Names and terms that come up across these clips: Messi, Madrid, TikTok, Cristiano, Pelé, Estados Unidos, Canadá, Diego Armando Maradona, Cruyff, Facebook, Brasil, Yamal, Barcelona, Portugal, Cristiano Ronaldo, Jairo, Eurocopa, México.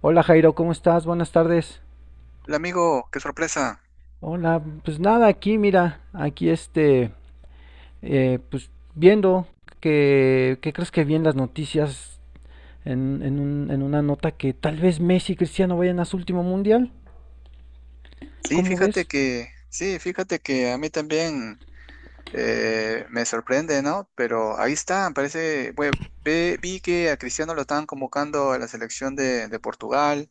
Hola Jairo, ¿cómo estás? Buenas tardes. Hola amigo, qué sorpresa. Hola, pues nada, aquí mira, aquí pues viendo ¿qué crees que vi en las noticias en en una nota que tal vez Messi y Cristiano vayan a su último mundial? ¿Cómo ves? Sí, fíjate que a mí también me sorprende, ¿no? Pero ahí está, parece, bueno, vi que a Cristiano lo estaban convocando a la selección de Portugal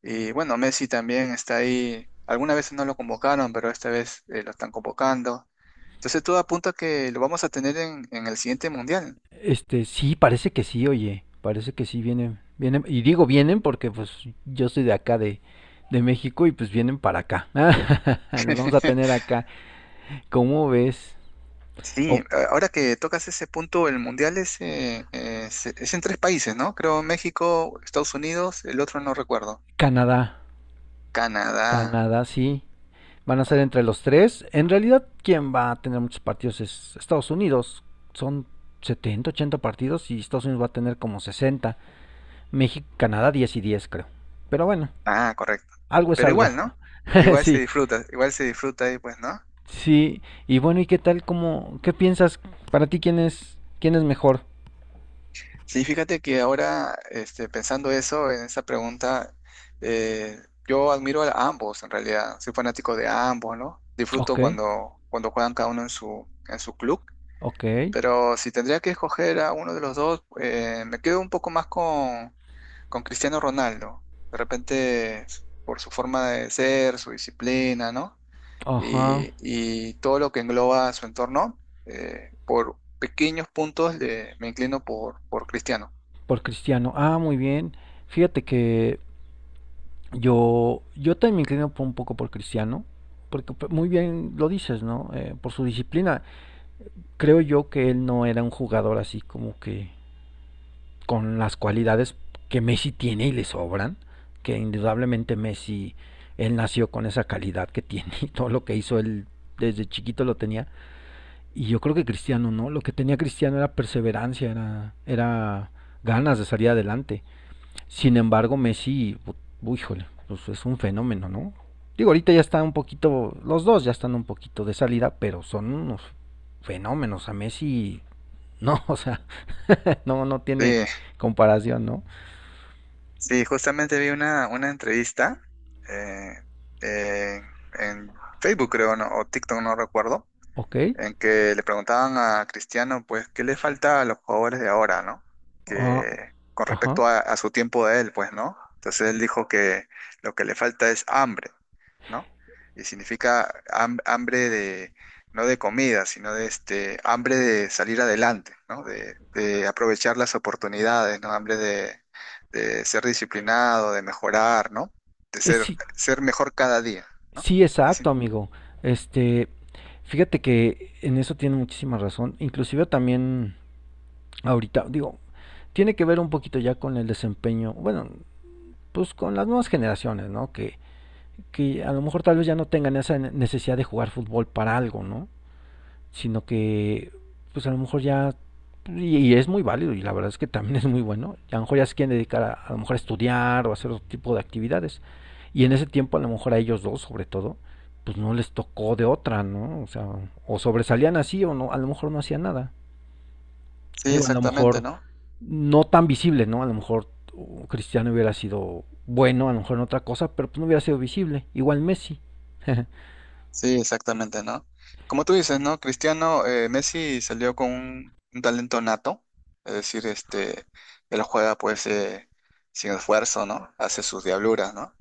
y bueno, Messi también está ahí. Algunas veces no lo convocaron, pero esta vez lo están convocando. Entonces todo apunta a que lo vamos a tener en el siguiente mundial. Sí, parece que sí, oye, parece que sí vienen, vienen, y digo vienen porque pues yo soy de acá de México y pues vienen para acá. Los vamos a tener acá. ¿Cómo ves? Sí, Oh, ahora que tocas ese punto, el mundial es en tres países, ¿no? Creo México, Estados Unidos, el otro no recuerdo. Canadá, Canadá. Canadá, sí. Van a ser entre los tres. En realidad, quien va a tener muchos partidos es Estados Unidos. Son 70, 80 partidos y Estados Unidos va a tener como 60. México, Canadá, 10 y 10, creo. Pero bueno, Ah, correcto. algo es Pero algo. igual, ¿no? Sí, Igual se disfruta ahí, pues, ¿no? sí. Y bueno, ¿y qué tal? ¿Qué piensas? Para ti, ¿quién es mejor? Sí, fíjate que ahora, este, pensando eso, en esa pregunta, eh, yo admiro a ambos, en realidad. Soy fanático de ambos, ¿no? Disfruto Ok, cuando juegan cada uno en su club. ok. Pero si tendría que escoger a uno de los dos, me quedo un poco más con Cristiano Ronaldo. De repente, por su forma de ser, su disciplina, ¿no? Ajá, Y, y todo lo que engloba su entorno, por pequeños puntos me inclino por Cristiano. por Cristiano. Ah, muy bien. Fíjate que yo también me inclino un poco por Cristiano, porque pues, muy bien lo dices, ¿no? Por su disciplina. Creo yo que él no era un jugador así como que con las cualidades que Messi tiene y le sobran, que indudablemente Messi, él nació con esa calidad que tiene y todo lo que hizo él desde chiquito lo tenía. Y yo creo que Cristiano, ¿no? Lo que tenía Cristiano era perseverancia, era ganas de salir adelante. Sin embargo, Messi, híjole, pues es un fenómeno, ¿no? Digo, ahorita ya está un poquito, los dos ya están un poquito de salida, pero son unos fenómenos. A Messi, no, o sea, no, no tiene Sí, comparación, ¿no? sí, justamente vi una entrevista eh, eh, en Facebook, creo, ¿no? O TikTok, no recuerdo, Ok, en que le preguntaban a Cristiano, pues, ¿qué le falta a los jugadores de ahora, ¿no? ah, Que con ajá. respecto a su tiempo de él, pues, ¿no? Entonces él dijo que lo que le falta es hambre, ¿no? Y significa hambre de, no de comida, sino de este, hambre de salir adelante, ¿no? De aprovechar las oportunidades, ¿no? Hambre de ser disciplinado, de mejorar, ¿no? De Es, ser, sí, ser mejor cada día, ¿no? sí, Sí, exacto, amigo. Este, fíjate que en eso tiene muchísima razón. Inclusive también ahorita, digo, tiene que ver un poquito ya con el desempeño, bueno, pues con las nuevas generaciones, ¿no? Que a lo mejor tal vez ya no tengan esa necesidad de jugar fútbol para algo, ¿no? Sino que, pues a lo mejor ya, y es muy válido, y la verdad es que también es muy bueno, a lo mejor ya se quieren dedicar a lo mejor a estudiar o a hacer otro tipo de actividades. Y en ese tiempo a lo mejor a ellos dos, sobre todo, pues no les tocó de otra, ¿no? O sea, o sobresalían así o no, a lo mejor no hacían nada. sí, Digo, a lo exactamente, mejor ¿no? no tan visible, ¿no? A lo mejor Cristiano hubiera sido bueno, a lo mejor en otra cosa, pero pues no hubiera sido visible. Igual Messi. Sí, exactamente, ¿no? Como tú dices, ¿no? Cristiano, Messi salió con un talento nato, es decir, este, él juega pues sin esfuerzo, ¿no? Hace sus diabluras, ¿no?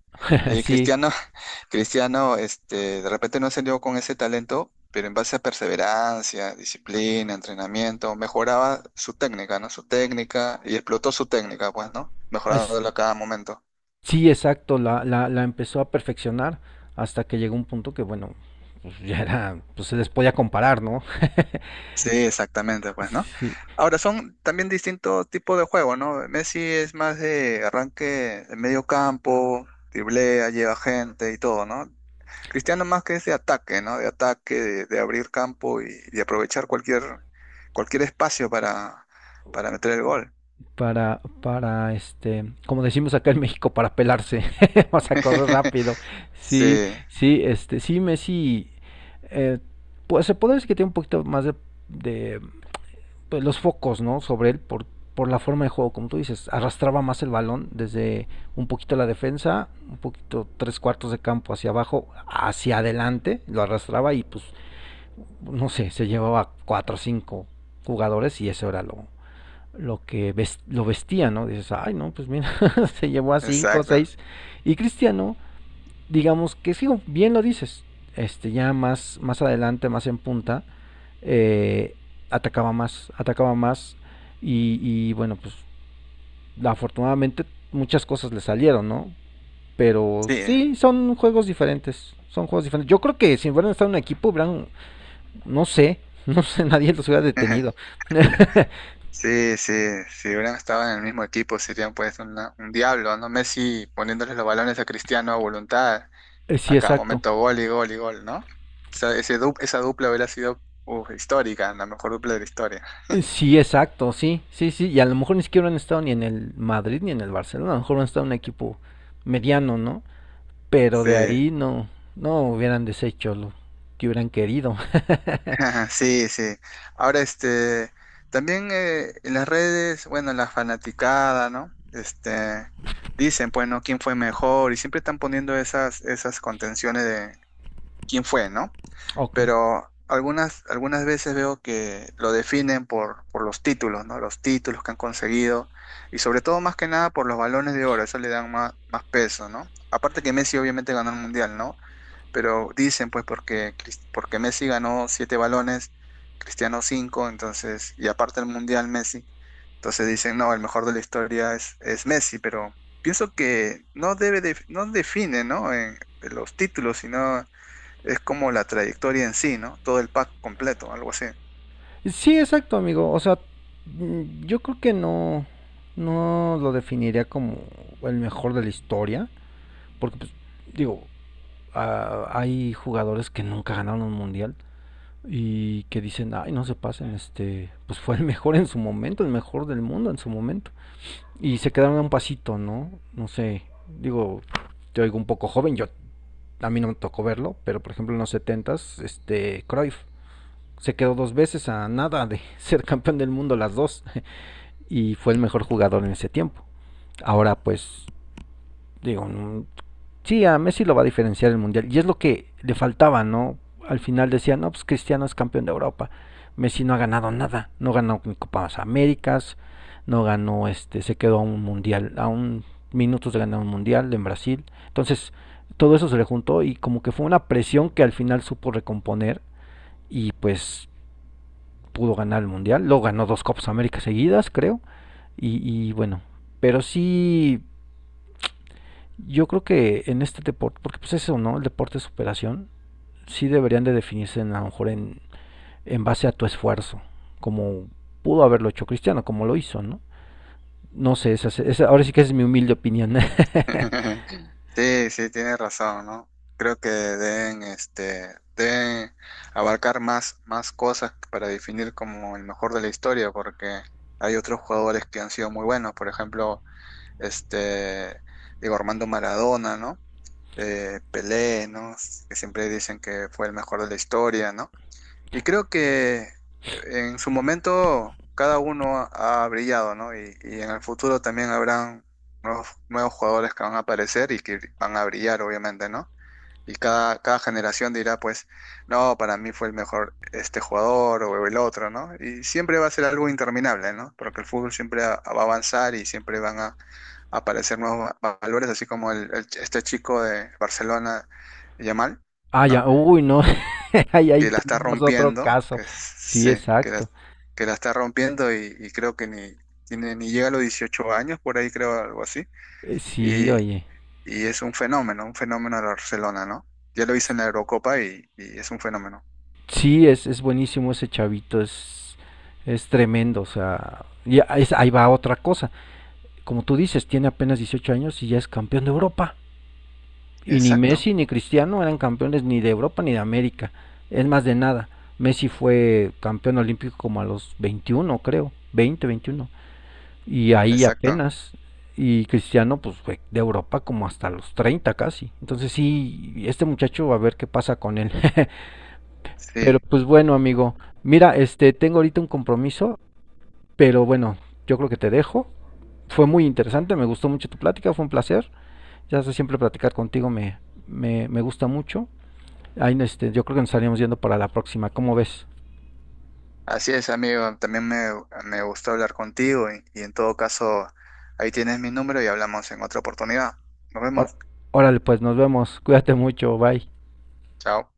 Y Sí, Cristiano, Cristiano, este, de repente no salió con ese talento, pero en base a perseverancia, disciplina, entrenamiento, mejoraba su técnica, ¿no? Su técnica y explotó su técnica, pues, ¿no? es, Mejorándola a cada momento. sí, exacto, la empezó a perfeccionar hasta que llegó un punto que, bueno, pues ya era, pues se les podía comparar, ¿no? Sí, exactamente, pues, ¿no? Sí, Ahora, son también distintos tipos de juego, ¿no? Messi es más de arranque de medio campo, driblea, lleva gente y todo, ¿no? Cristiano más que es de ataque, ¿no? De ataque, de abrir campo y de aprovechar cualquier, cualquier espacio para meter el gol. Como decimos acá en México, para pelarse, vamos a correr rápido. Sí, Sí, sí, sí, Messi, eh, pues se puede decir que tiene un poquito más de pues, los focos, ¿no? Sobre él por la forma de juego, como tú dices, arrastraba más el balón desde un poquito la defensa, un poquito tres cuartos de campo hacia abajo, hacia adelante, lo arrastraba y pues, no sé, se llevaba cuatro o cinco jugadores y eso era lo que ves, lo vestía, ¿no? Dices, ay, no, pues mira, se llevó a cinco o exacto. seis. Y Cristiano, digamos que sí, bien lo dices, ya más adelante, más en punta, eh, atacaba más, atacaba más, y, bueno, pues afortunadamente muchas cosas le salieron, ¿no? Pero Sí, sí, son juegos diferentes, son juegos diferentes. Yo creo que si hubieran estado en un equipo, hubieran, no sé, no sé, nadie los hubiera detenido. sí, sí. Si hubieran estado en el mismo equipo, serían pues un diablo, ¿no? Messi poniéndole los balones a Cristiano a voluntad. Sí, A cada exacto. momento gol y gol y gol, ¿no? Esa, esa dupla hubiera sido uf, histórica, la mejor dupla de la historia. Sí, exacto, sí, sí, sí. Y a lo mejor ni siquiera han estado ni en el Madrid ni en el Barcelona. A lo mejor han estado en un equipo mediano, ¿no? Pero Sí, de ahí no, no hubieran deshecho lo que hubieran querido. sí, sí. Ahora, este, también en las redes, bueno, la fanaticada, ¿no? Este, dicen, pues, ¿no? ¿Quién fue mejor? Y siempre están poniendo esas, esas contenciones de quién fue, ¿no? Ok. Pero algunas, algunas veces veo que lo definen por los títulos, ¿no? Los títulos que han conseguido y sobre todo más que nada por los balones de oro, eso le dan más, más peso, ¿no? Aparte que Messi obviamente ganó el mundial, ¿no? Pero dicen pues porque, porque Messi ganó siete balones, Cristiano cinco, entonces, y aparte el mundial Messi, entonces dicen, no, el mejor de la historia es Messi, pero pienso que no debe, no define, ¿no? En los títulos, sino es como la trayectoria en sí, ¿no? Todo el pack completo, algo así. Sí, exacto, amigo. O sea, yo creo que no, no lo definiría como el mejor de la historia, porque pues, digo, ah, hay jugadores que nunca ganaron un mundial y que dicen, ay, no se pasen, pues fue el mejor en su momento, el mejor del mundo en su momento, y se quedaron a un pasito, ¿no? No sé, digo, te oigo un poco joven, yo, a mí no me tocó verlo, pero por ejemplo en los setentas, Cruyff se quedó dos veces a nada de ser campeón del mundo las dos, y fue el mejor jugador en ese tiempo. Ahora pues, digo, no, sí, a Messi lo va a diferenciar el Mundial y es lo que le faltaba, ¿no? Al final decían, no, pues Cristiano es campeón de Europa, Messi no ha ganado nada, no ganó ni Copas Américas, no ganó, se quedó a un Mundial, a un minutos de ganar un Mundial en Brasil. Entonces, todo eso se le juntó y como que fue una presión que al final supo recomponer y pues pudo ganar el Mundial. Lo ganó dos Copas Américas seguidas, creo. Y bueno, pero sí, yo creo que en este deporte, porque pues eso, ¿no? El deporte de superación, sí deberían de definirse en, a lo mejor en, base a tu esfuerzo, como pudo haberlo hecho Cristiano, como lo hizo, ¿no? No sé, ahora sí que esa es mi humilde opinión. Sí, sí, tienes razón, ¿no? Creo que deben, este, deben abarcar más, más cosas para definir como el mejor de la historia, porque hay otros jugadores que han sido muy buenos, por ejemplo, este, Diego Armando Maradona, ¿no? Pelé, ¿no? Que siempre dicen que fue el mejor de la historia, ¿no? Y creo que en su momento cada uno ha brillado, ¿no? Y en el futuro también habrán nuevos, nuevos jugadores que van a aparecer y que van a brillar, obviamente, ¿no? Y cada, cada generación dirá, pues, no, para mí fue el mejor este jugador o el otro, ¿no? Y siempre va a ser algo interminable, ¿no? Porque el fútbol siempre va a avanzar y siempre van a aparecer nuevos valores, así como el, este chico de Barcelona, Yamal, Ah, ¿no? ya, uy, no, ahí Que la está tenemos otro rompiendo, caso. Sí, sí, exacto. que la está rompiendo y creo que ni, tiene, ni llega a los 18 años, por ahí creo algo así, Sí, y, oye. y es un fenómeno de Barcelona, ¿no? Ya lo hizo en la Eurocopa y es un fenómeno. Sí, es buenísimo ese chavito, es tremendo, o sea, y ahí va otra cosa. Como tú dices, tiene apenas 18 años y ya es campeón de Europa. Y ni Exacto, Messi ni Cristiano eran campeones ni de Europa ni de América. Es más, de nada. Messi fue campeón olímpico como a los 21, creo. 20, 21. Y ahí exacto, apenas. Y Cristiano, pues fue de Europa como hasta los 30 casi. Entonces sí, este muchacho, a ver qué pasa con él. sí. Pero pues bueno, amigo. Mira, tengo ahorita un compromiso. Pero bueno, yo creo que te dejo. Fue muy interesante, me gustó mucho tu plática, fue un placer. Ya sé, siempre platicar contigo me gusta mucho. Ahí, yo creo que nos estaríamos yendo para la próxima. ¿Cómo ves? Así es, amigo, también me gustó hablar contigo y en todo caso, ahí tienes mi número y hablamos en otra oportunidad. Nos Or- vemos, Órale, pues nos vemos. Cuídate mucho. Bye. chao.